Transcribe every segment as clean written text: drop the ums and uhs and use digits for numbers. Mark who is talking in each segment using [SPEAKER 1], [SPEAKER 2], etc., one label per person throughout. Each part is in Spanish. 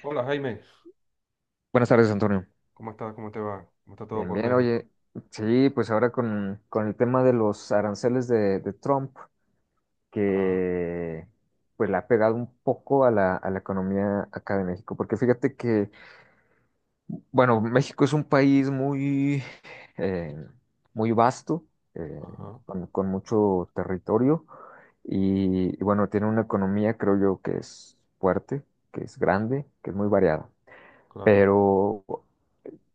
[SPEAKER 1] Hola, Jaime,
[SPEAKER 2] Buenas tardes, Antonio.
[SPEAKER 1] ¿cómo estás? ¿Cómo te va? ¿Cómo está todo
[SPEAKER 2] Bien,
[SPEAKER 1] por
[SPEAKER 2] bien,
[SPEAKER 1] México?
[SPEAKER 2] oye, sí, pues ahora con el tema de los aranceles de Trump,
[SPEAKER 1] Ah,
[SPEAKER 2] que pues le ha pegado un poco a la economía acá de México, porque fíjate que, bueno, México es un país muy, eh, muy vasto, eh,
[SPEAKER 1] ajá,
[SPEAKER 2] con mucho territorio, y bueno, tiene una economía, creo yo, que es fuerte, que es grande, que es muy variada,
[SPEAKER 1] claro,
[SPEAKER 2] pero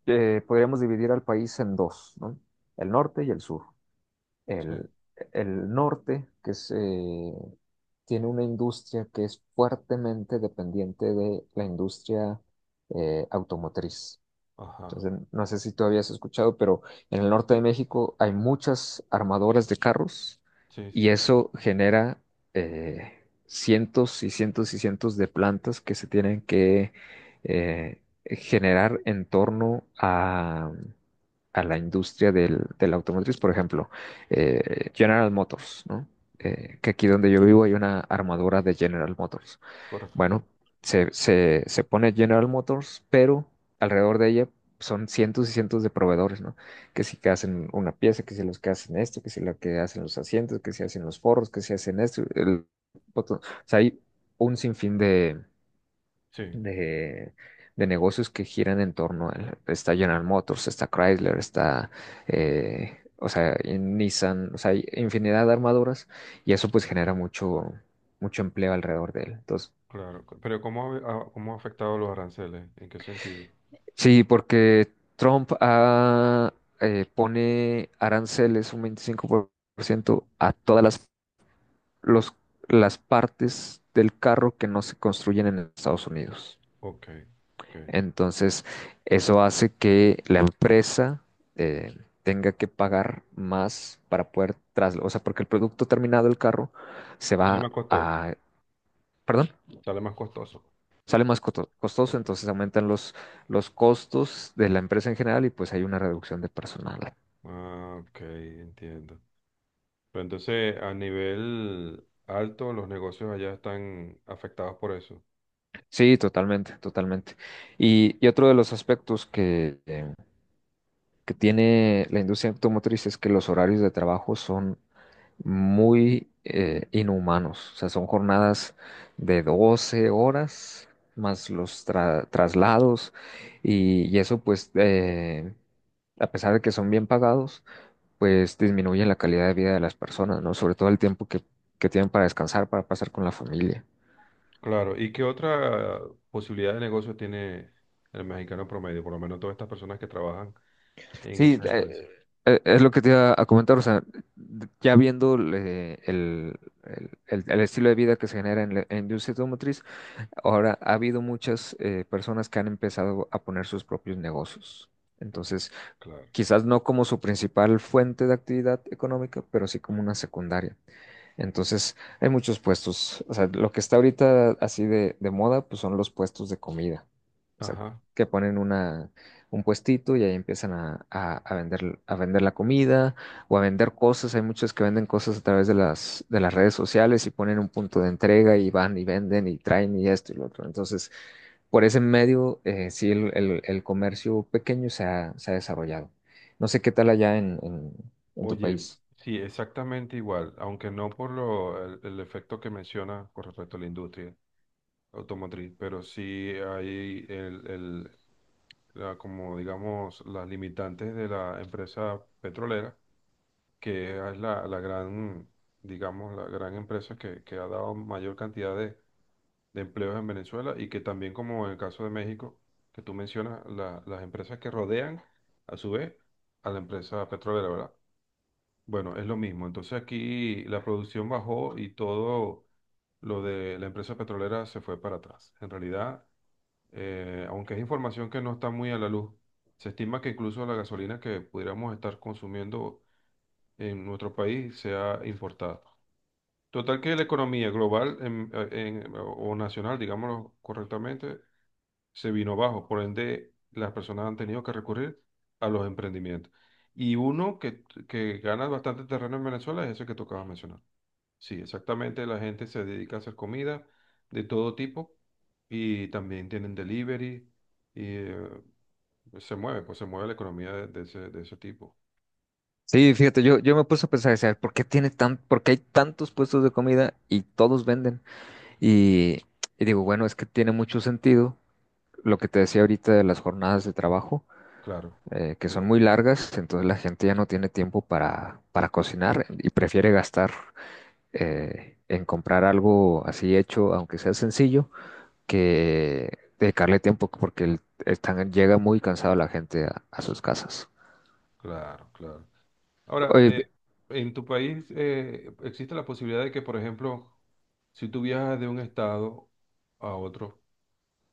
[SPEAKER 2] podríamos dividir al país en dos, ¿no? El norte y el sur.
[SPEAKER 1] sí,
[SPEAKER 2] El, el norte, que es, tiene una industria que es fuertemente dependiente de la industria automotriz.
[SPEAKER 1] ajá,
[SPEAKER 2] Entonces, no sé si todavía has escuchado, pero en el norte de
[SPEAKER 1] sí.
[SPEAKER 2] México hay muchas armadoras de carros
[SPEAKER 1] Sí, sí,
[SPEAKER 2] y
[SPEAKER 1] claro.
[SPEAKER 2] eso genera cientos y cientos y cientos de plantas que se tienen que eh, generar en torno a la industria del, de la automotriz. Por ejemplo, General Motors, ¿no?
[SPEAKER 1] Ujú,
[SPEAKER 2] Que aquí donde yo vivo hay una armadora de General Motors.
[SPEAKER 1] correcto.
[SPEAKER 2] Bueno, se pone General Motors, pero alrededor de ella son cientos y cientos de proveedores, ¿no? Que si que hacen una pieza, que si los que hacen esto, que si la que hacen los asientos, que si hacen los forros, que si hacen esto, el botón. O sea, hay un sinfín
[SPEAKER 1] Sí,
[SPEAKER 2] de, de negocios que giran en torno a él. Está General Motors, está Chrysler, está, o sea, en Nissan, o sea, hay infinidad de armaduras y eso pues genera mucho, mucho empleo alrededor de él. Entonces,
[SPEAKER 1] claro. Pero ¿cómo ha, cómo ha afectado los aranceles? ¿En qué sentido?
[SPEAKER 2] sí, porque Trump pone aranceles un 25% a todas las, los- las partes del carro que no se construyen en Estados Unidos.
[SPEAKER 1] Ok, ok.
[SPEAKER 2] Entonces, eso hace que la empresa eh, tenga que pagar más para poder trasladar, o sea, porque el producto terminado del carro se
[SPEAKER 1] Sale
[SPEAKER 2] va
[SPEAKER 1] más costoso,
[SPEAKER 2] a, perdón,
[SPEAKER 1] sale más costoso.
[SPEAKER 2] sale más costoso,
[SPEAKER 1] Ok.
[SPEAKER 2] entonces aumentan los costos de la empresa en general y pues hay una reducción de personal.
[SPEAKER 1] Ah, ok, entiendo. Pero entonces, a nivel alto, los negocios allá están afectados por eso.
[SPEAKER 2] Sí, totalmente, totalmente. Y otro de los aspectos que tiene la industria automotriz es que los horarios de trabajo son muy inhumanos. O sea, son jornadas de 12 horas más los traslados y eso pues a pesar de que son bien pagados, pues disminuye la calidad de vida de las personas, ¿no? Sobre todo el tiempo que tienen para descansar, para pasar con la familia.
[SPEAKER 1] Claro, ¿y qué otra posibilidad de negocio tiene el mexicano promedio? Por lo menos todas estas personas que trabajan en
[SPEAKER 2] Sí,
[SPEAKER 1] esas empresas.
[SPEAKER 2] es lo que te iba a comentar, o sea, ya viendo el estilo de vida que se genera en la industria automotriz, ahora ha habido muchas personas que han empezado a poner sus propios negocios. Entonces,
[SPEAKER 1] Claro.
[SPEAKER 2] quizás no como su principal fuente de actividad económica, pero sí como una secundaria. Entonces, hay muchos puestos. O sea, lo que está ahorita así de moda, pues son los puestos de comida. O sea,
[SPEAKER 1] Ajá.
[SPEAKER 2] que ponen una, un puestito y ahí empiezan a, a vender la comida o a vender cosas. Hay muchos que venden cosas a través de las redes sociales y ponen un punto de entrega y van y venden y traen y esto y lo otro. Entonces, por ese medio, sí, el, el comercio pequeño se ha desarrollado. No sé qué tal allá en tu
[SPEAKER 1] Oye,
[SPEAKER 2] país.
[SPEAKER 1] sí, exactamente igual, aunque no por lo, el efecto que menciona con respecto a la industria automotriz, pero sí hay como digamos, las limitantes de la empresa petrolera, que es la gran, digamos, la gran empresa que ha dado mayor cantidad de empleos en Venezuela y que también como en el caso de México, que tú mencionas, las empresas que rodean a su vez a la empresa petrolera, ¿verdad? Bueno, es lo mismo. Entonces aquí la producción bajó y todo lo de la empresa petrolera se fue para atrás. En realidad, aunque es información que no está muy a la luz, se estima que incluso la gasolina que pudiéramos estar consumiendo en nuestro país sea importada. Total que la economía global o nacional, digámoslo correctamente, se vino abajo. Por ende, las personas han tenido que recurrir a los emprendimientos. Y uno que gana bastante terreno en Venezuela es ese que tocaba mencionar. Sí, exactamente, la gente se dedica a hacer comida de todo tipo y también tienen delivery y pues se mueve la economía de ese tipo.
[SPEAKER 2] Sí, fíjate, yo me puse a pensar, o sea, ¿por qué tiene tan, por qué hay tantos puestos de comida y todos venden? Y, y digo, bueno, es que tiene mucho sentido lo que te decía ahorita de las jornadas de trabajo,
[SPEAKER 1] Claro,
[SPEAKER 2] que son
[SPEAKER 1] sí,
[SPEAKER 2] muy largas, entonces la gente ya no tiene tiempo para cocinar y prefiere gastar en comprar algo así hecho, aunque sea sencillo, que dedicarle tiempo porque están, llega muy cansada la gente a sus casas.
[SPEAKER 1] claro, claro. Ahora,
[SPEAKER 2] Oye,
[SPEAKER 1] en tu país existe la posibilidad de que, por ejemplo, si tú viajas de un estado a otro,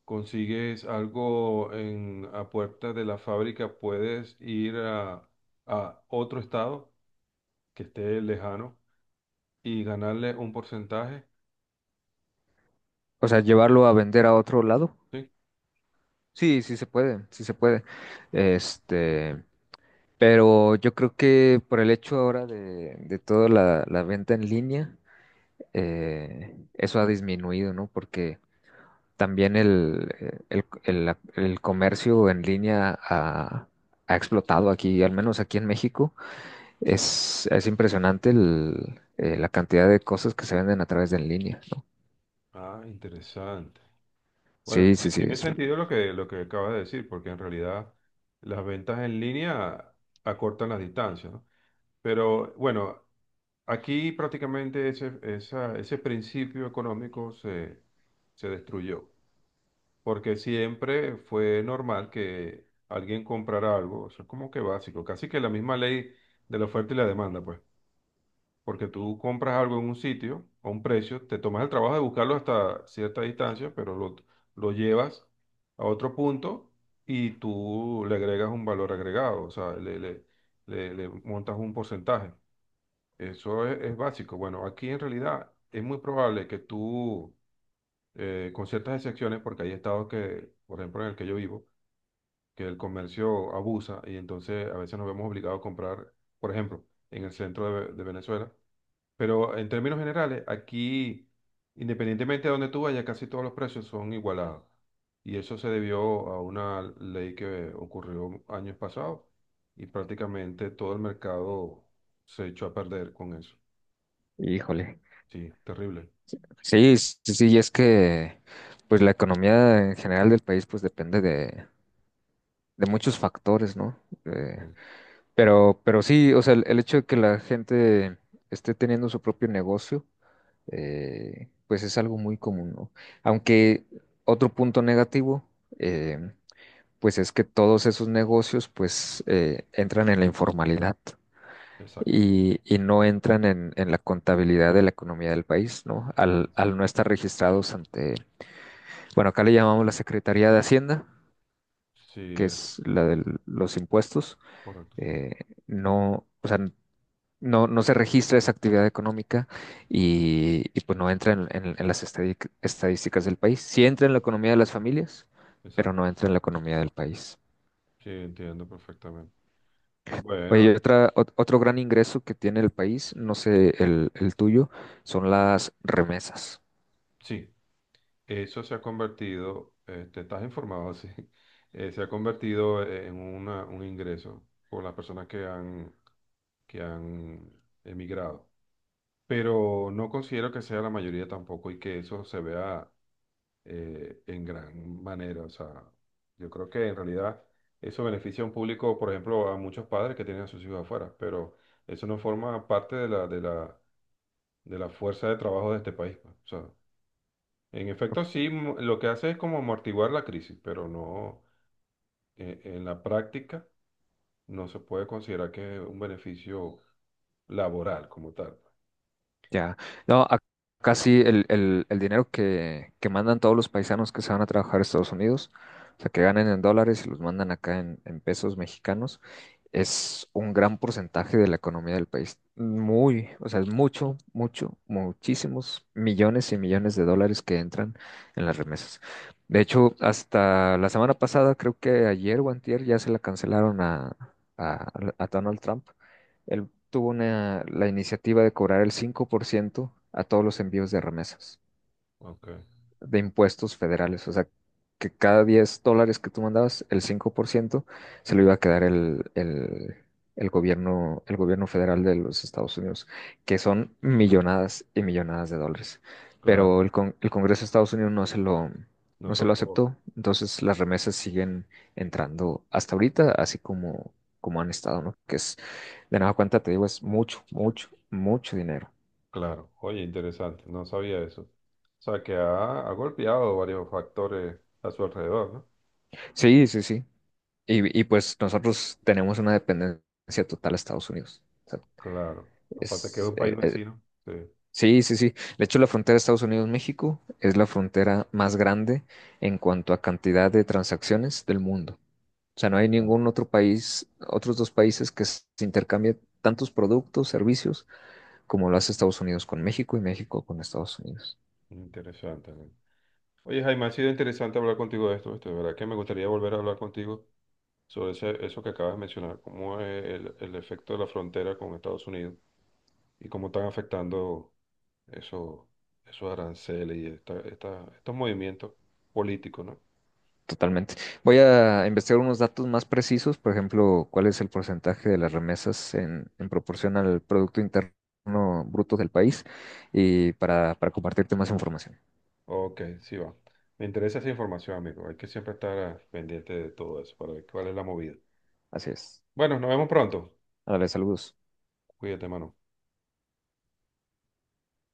[SPEAKER 1] consigues algo en, a puerta de la fábrica, puedes ir a otro estado que esté lejano y ganarle un porcentaje.
[SPEAKER 2] o sea, llevarlo a vender a otro lado.
[SPEAKER 1] ¿Sí?
[SPEAKER 2] Sí, sí se puede, sí se puede.
[SPEAKER 1] Mm.
[SPEAKER 2] Este, pero yo creo que por el hecho ahora de toda la, la venta en línea, eso ha disminuido, ¿no? Porque también el, el comercio en línea ha, ha explotado aquí, al menos aquí en México. Es impresionante la cantidad de cosas que se venden a través de en línea, ¿no?
[SPEAKER 1] Ah, interesante. Bueno,
[SPEAKER 2] Sí, sí,
[SPEAKER 1] tiene,
[SPEAKER 2] sí,
[SPEAKER 1] tiene
[SPEAKER 2] es,
[SPEAKER 1] sentido lo que acabas de decir, porque en realidad las ventas en línea acortan las distancias, ¿no? Pero bueno, aquí prácticamente ese, ese principio económico se, se destruyó. Porque siempre fue normal que alguien comprara algo, eso es como que básico, casi que la misma ley de la oferta y la demanda, pues, porque tú compras algo en un sitio a un precio, te tomas el trabajo de buscarlo hasta cierta distancia, pero lo llevas a otro punto y tú le agregas un valor agregado, o sea, le, le montas un porcentaje. Eso es básico. Bueno, aquí en realidad es muy probable que tú, con ciertas excepciones, porque hay estados que, por ejemplo, en el que yo vivo, que el comercio abusa y entonces a veces nos vemos obligados a comprar, por ejemplo, en el centro de, de Venezuela. Pero en términos generales, aquí, independientemente de donde tú vayas, casi todos los precios son igualados. Y eso se debió a una ley que ocurrió años pasados y prácticamente todo el mercado se echó a perder con eso.
[SPEAKER 2] híjole.
[SPEAKER 1] Sí, terrible.
[SPEAKER 2] Sí, sí, sí, sí, y es que pues la economía en general del país pues depende de muchos factores, ¿no? Eh,
[SPEAKER 1] Sí,
[SPEAKER 2] pero sí, o sea, el hecho de que la gente esté teniendo su propio negocio, pues es algo muy común, ¿no? Aunque otro punto negativo, eh, pues es que todos esos negocios pues entran en la informalidad
[SPEAKER 1] exacto.
[SPEAKER 2] y no entran en la contabilidad de la economía del país, ¿no? Al, al no
[SPEAKER 1] Exacto.
[SPEAKER 2] estar registrados ante bueno, acá le llamamos la Secretaría de Hacienda,
[SPEAKER 1] Sí,
[SPEAKER 2] que es la de los impuestos.
[SPEAKER 1] correcto.
[SPEAKER 2] Eh, no, o sea, no, no se registra esa actividad económica y, pues no entra en, en las estadísticas del país. Sí entra en la economía de las familias, pero
[SPEAKER 1] Exacto.
[SPEAKER 2] no entra en la economía del país.
[SPEAKER 1] Sí, entiendo perfectamente.
[SPEAKER 2] Oye, y
[SPEAKER 1] Bueno,
[SPEAKER 2] otra, otro gran ingreso que tiene el país, no sé el tuyo, son las remesas.
[SPEAKER 1] sí. Eso se ha convertido, te estás informado así, se ha convertido en un ingreso por las personas que han emigrado. Pero no considero que sea la mayoría tampoco y que eso se vea en gran manera. O sea, yo creo que en realidad eso beneficia a un público, por ejemplo, a muchos padres que tienen a sus hijos afuera, pero eso no forma parte de la, de la, de la fuerza de trabajo de este país. Pues, o sea, en efecto, sí, lo que hace es como amortiguar la crisis, pero no, en la práctica no se puede considerar que es un beneficio laboral como tal.
[SPEAKER 2] Ya. No, acá sí el, el dinero que mandan todos los paisanos que se van a trabajar a Estados Unidos, o sea, que ganen en dólares y los mandan acá en pesos mexicanos, es un gran porcentaje de la economía del país. Muy, o sea, es mucho, mucho, muchísimos millones y millones de dólares que entran en las remesas. De hecho, hasta la semana pasada, creo que ayer o antier, ya se la cancelaron a, a Donald Trump. Él tuvo una, la iniciativa de cobrar el 5% a todos los envíos de remesas
[SPEAKER 1] Ok,
[SPEAKER 2] de impuestos federales. O sea, que cada 10 dólares que tú mandabas, el 5% se lo iba a quedar el gobierno federal de los Estados Unidos, que son millonadas y millonadas de dólares. Pero
[SPEAKER 1] claro.
[SPEAKER 2] el, el Congreso de Estados Unidos no se lo,
[SPEAKER 1] No
[SPEAKER 2] no se lo
[SPEAKER 1] solo por-
[SPEAKER 2] aceptó. Entonces las remesas siguen entrando hasta ahorita, así como, como han estado, ¿no? Que es, de nada cuenta, te digo, es mucho, mucho, mucho dinero.
[SPEAKER 1] Claro. Oye, interesante, no sabía eso. O sea, que ha, ha golpeado varios factores a su alrededor, ¿no?
[SPEAKER 2] Sí, sí, sí. Y, pues nosotros tenemos una dependencia total a Estados Unidos. O sea,
[SPEAKER 1] Claro. Aparte que es
[SPEAKER 2] es,
[SPEAKER 1] un país vecino. Sí.
[SPEAKER 2] sí, sí, sí. De hecho, la frontera de Estados Unidos-México es la frontera más grande en cuanto a cantidad de transacciones del mundo. O sea, no hay
[SPEAKER 1] Claro.
[SPEAKER 2] ningún otro país, otros dos países que se intercambien tantos productos, servicios, como lo hace Estados Unidos con México y México con Estados Unidos.
[SPEAKER 1] Interesante. ¿No? Oye, Jaime, ha sido interesante hablar contigo de esto, ¿viste? De verdad que me gustaría volver a hablar contigo sobre eso que acabas de mencionar, cómo es el efecto de la frontera con Estados Unidos y cómo están afectando eso- esos aranceles y estos movimientos políticos, ¿no?
[SPEAKER 2] Totalmente. Voy a investigar unos datos más precisos, por ejemplo, cuál es el porcentaje de las remesas en proporción al Producto Interno Bruto del país y para compartirte más información.
[SPEAKER 1] Ok, sí va. Me interesa esa información, amigo. Hay que siempre estar pendiente de todo eso para ver cuál es la movida.
[SPEAKER 2] Así es.
[SPEAKER 1] Bueno, nos vemos pronto.
[SPEAKER 2] Dale, saludos.
[SPEAKER 1] Cuídate, mano.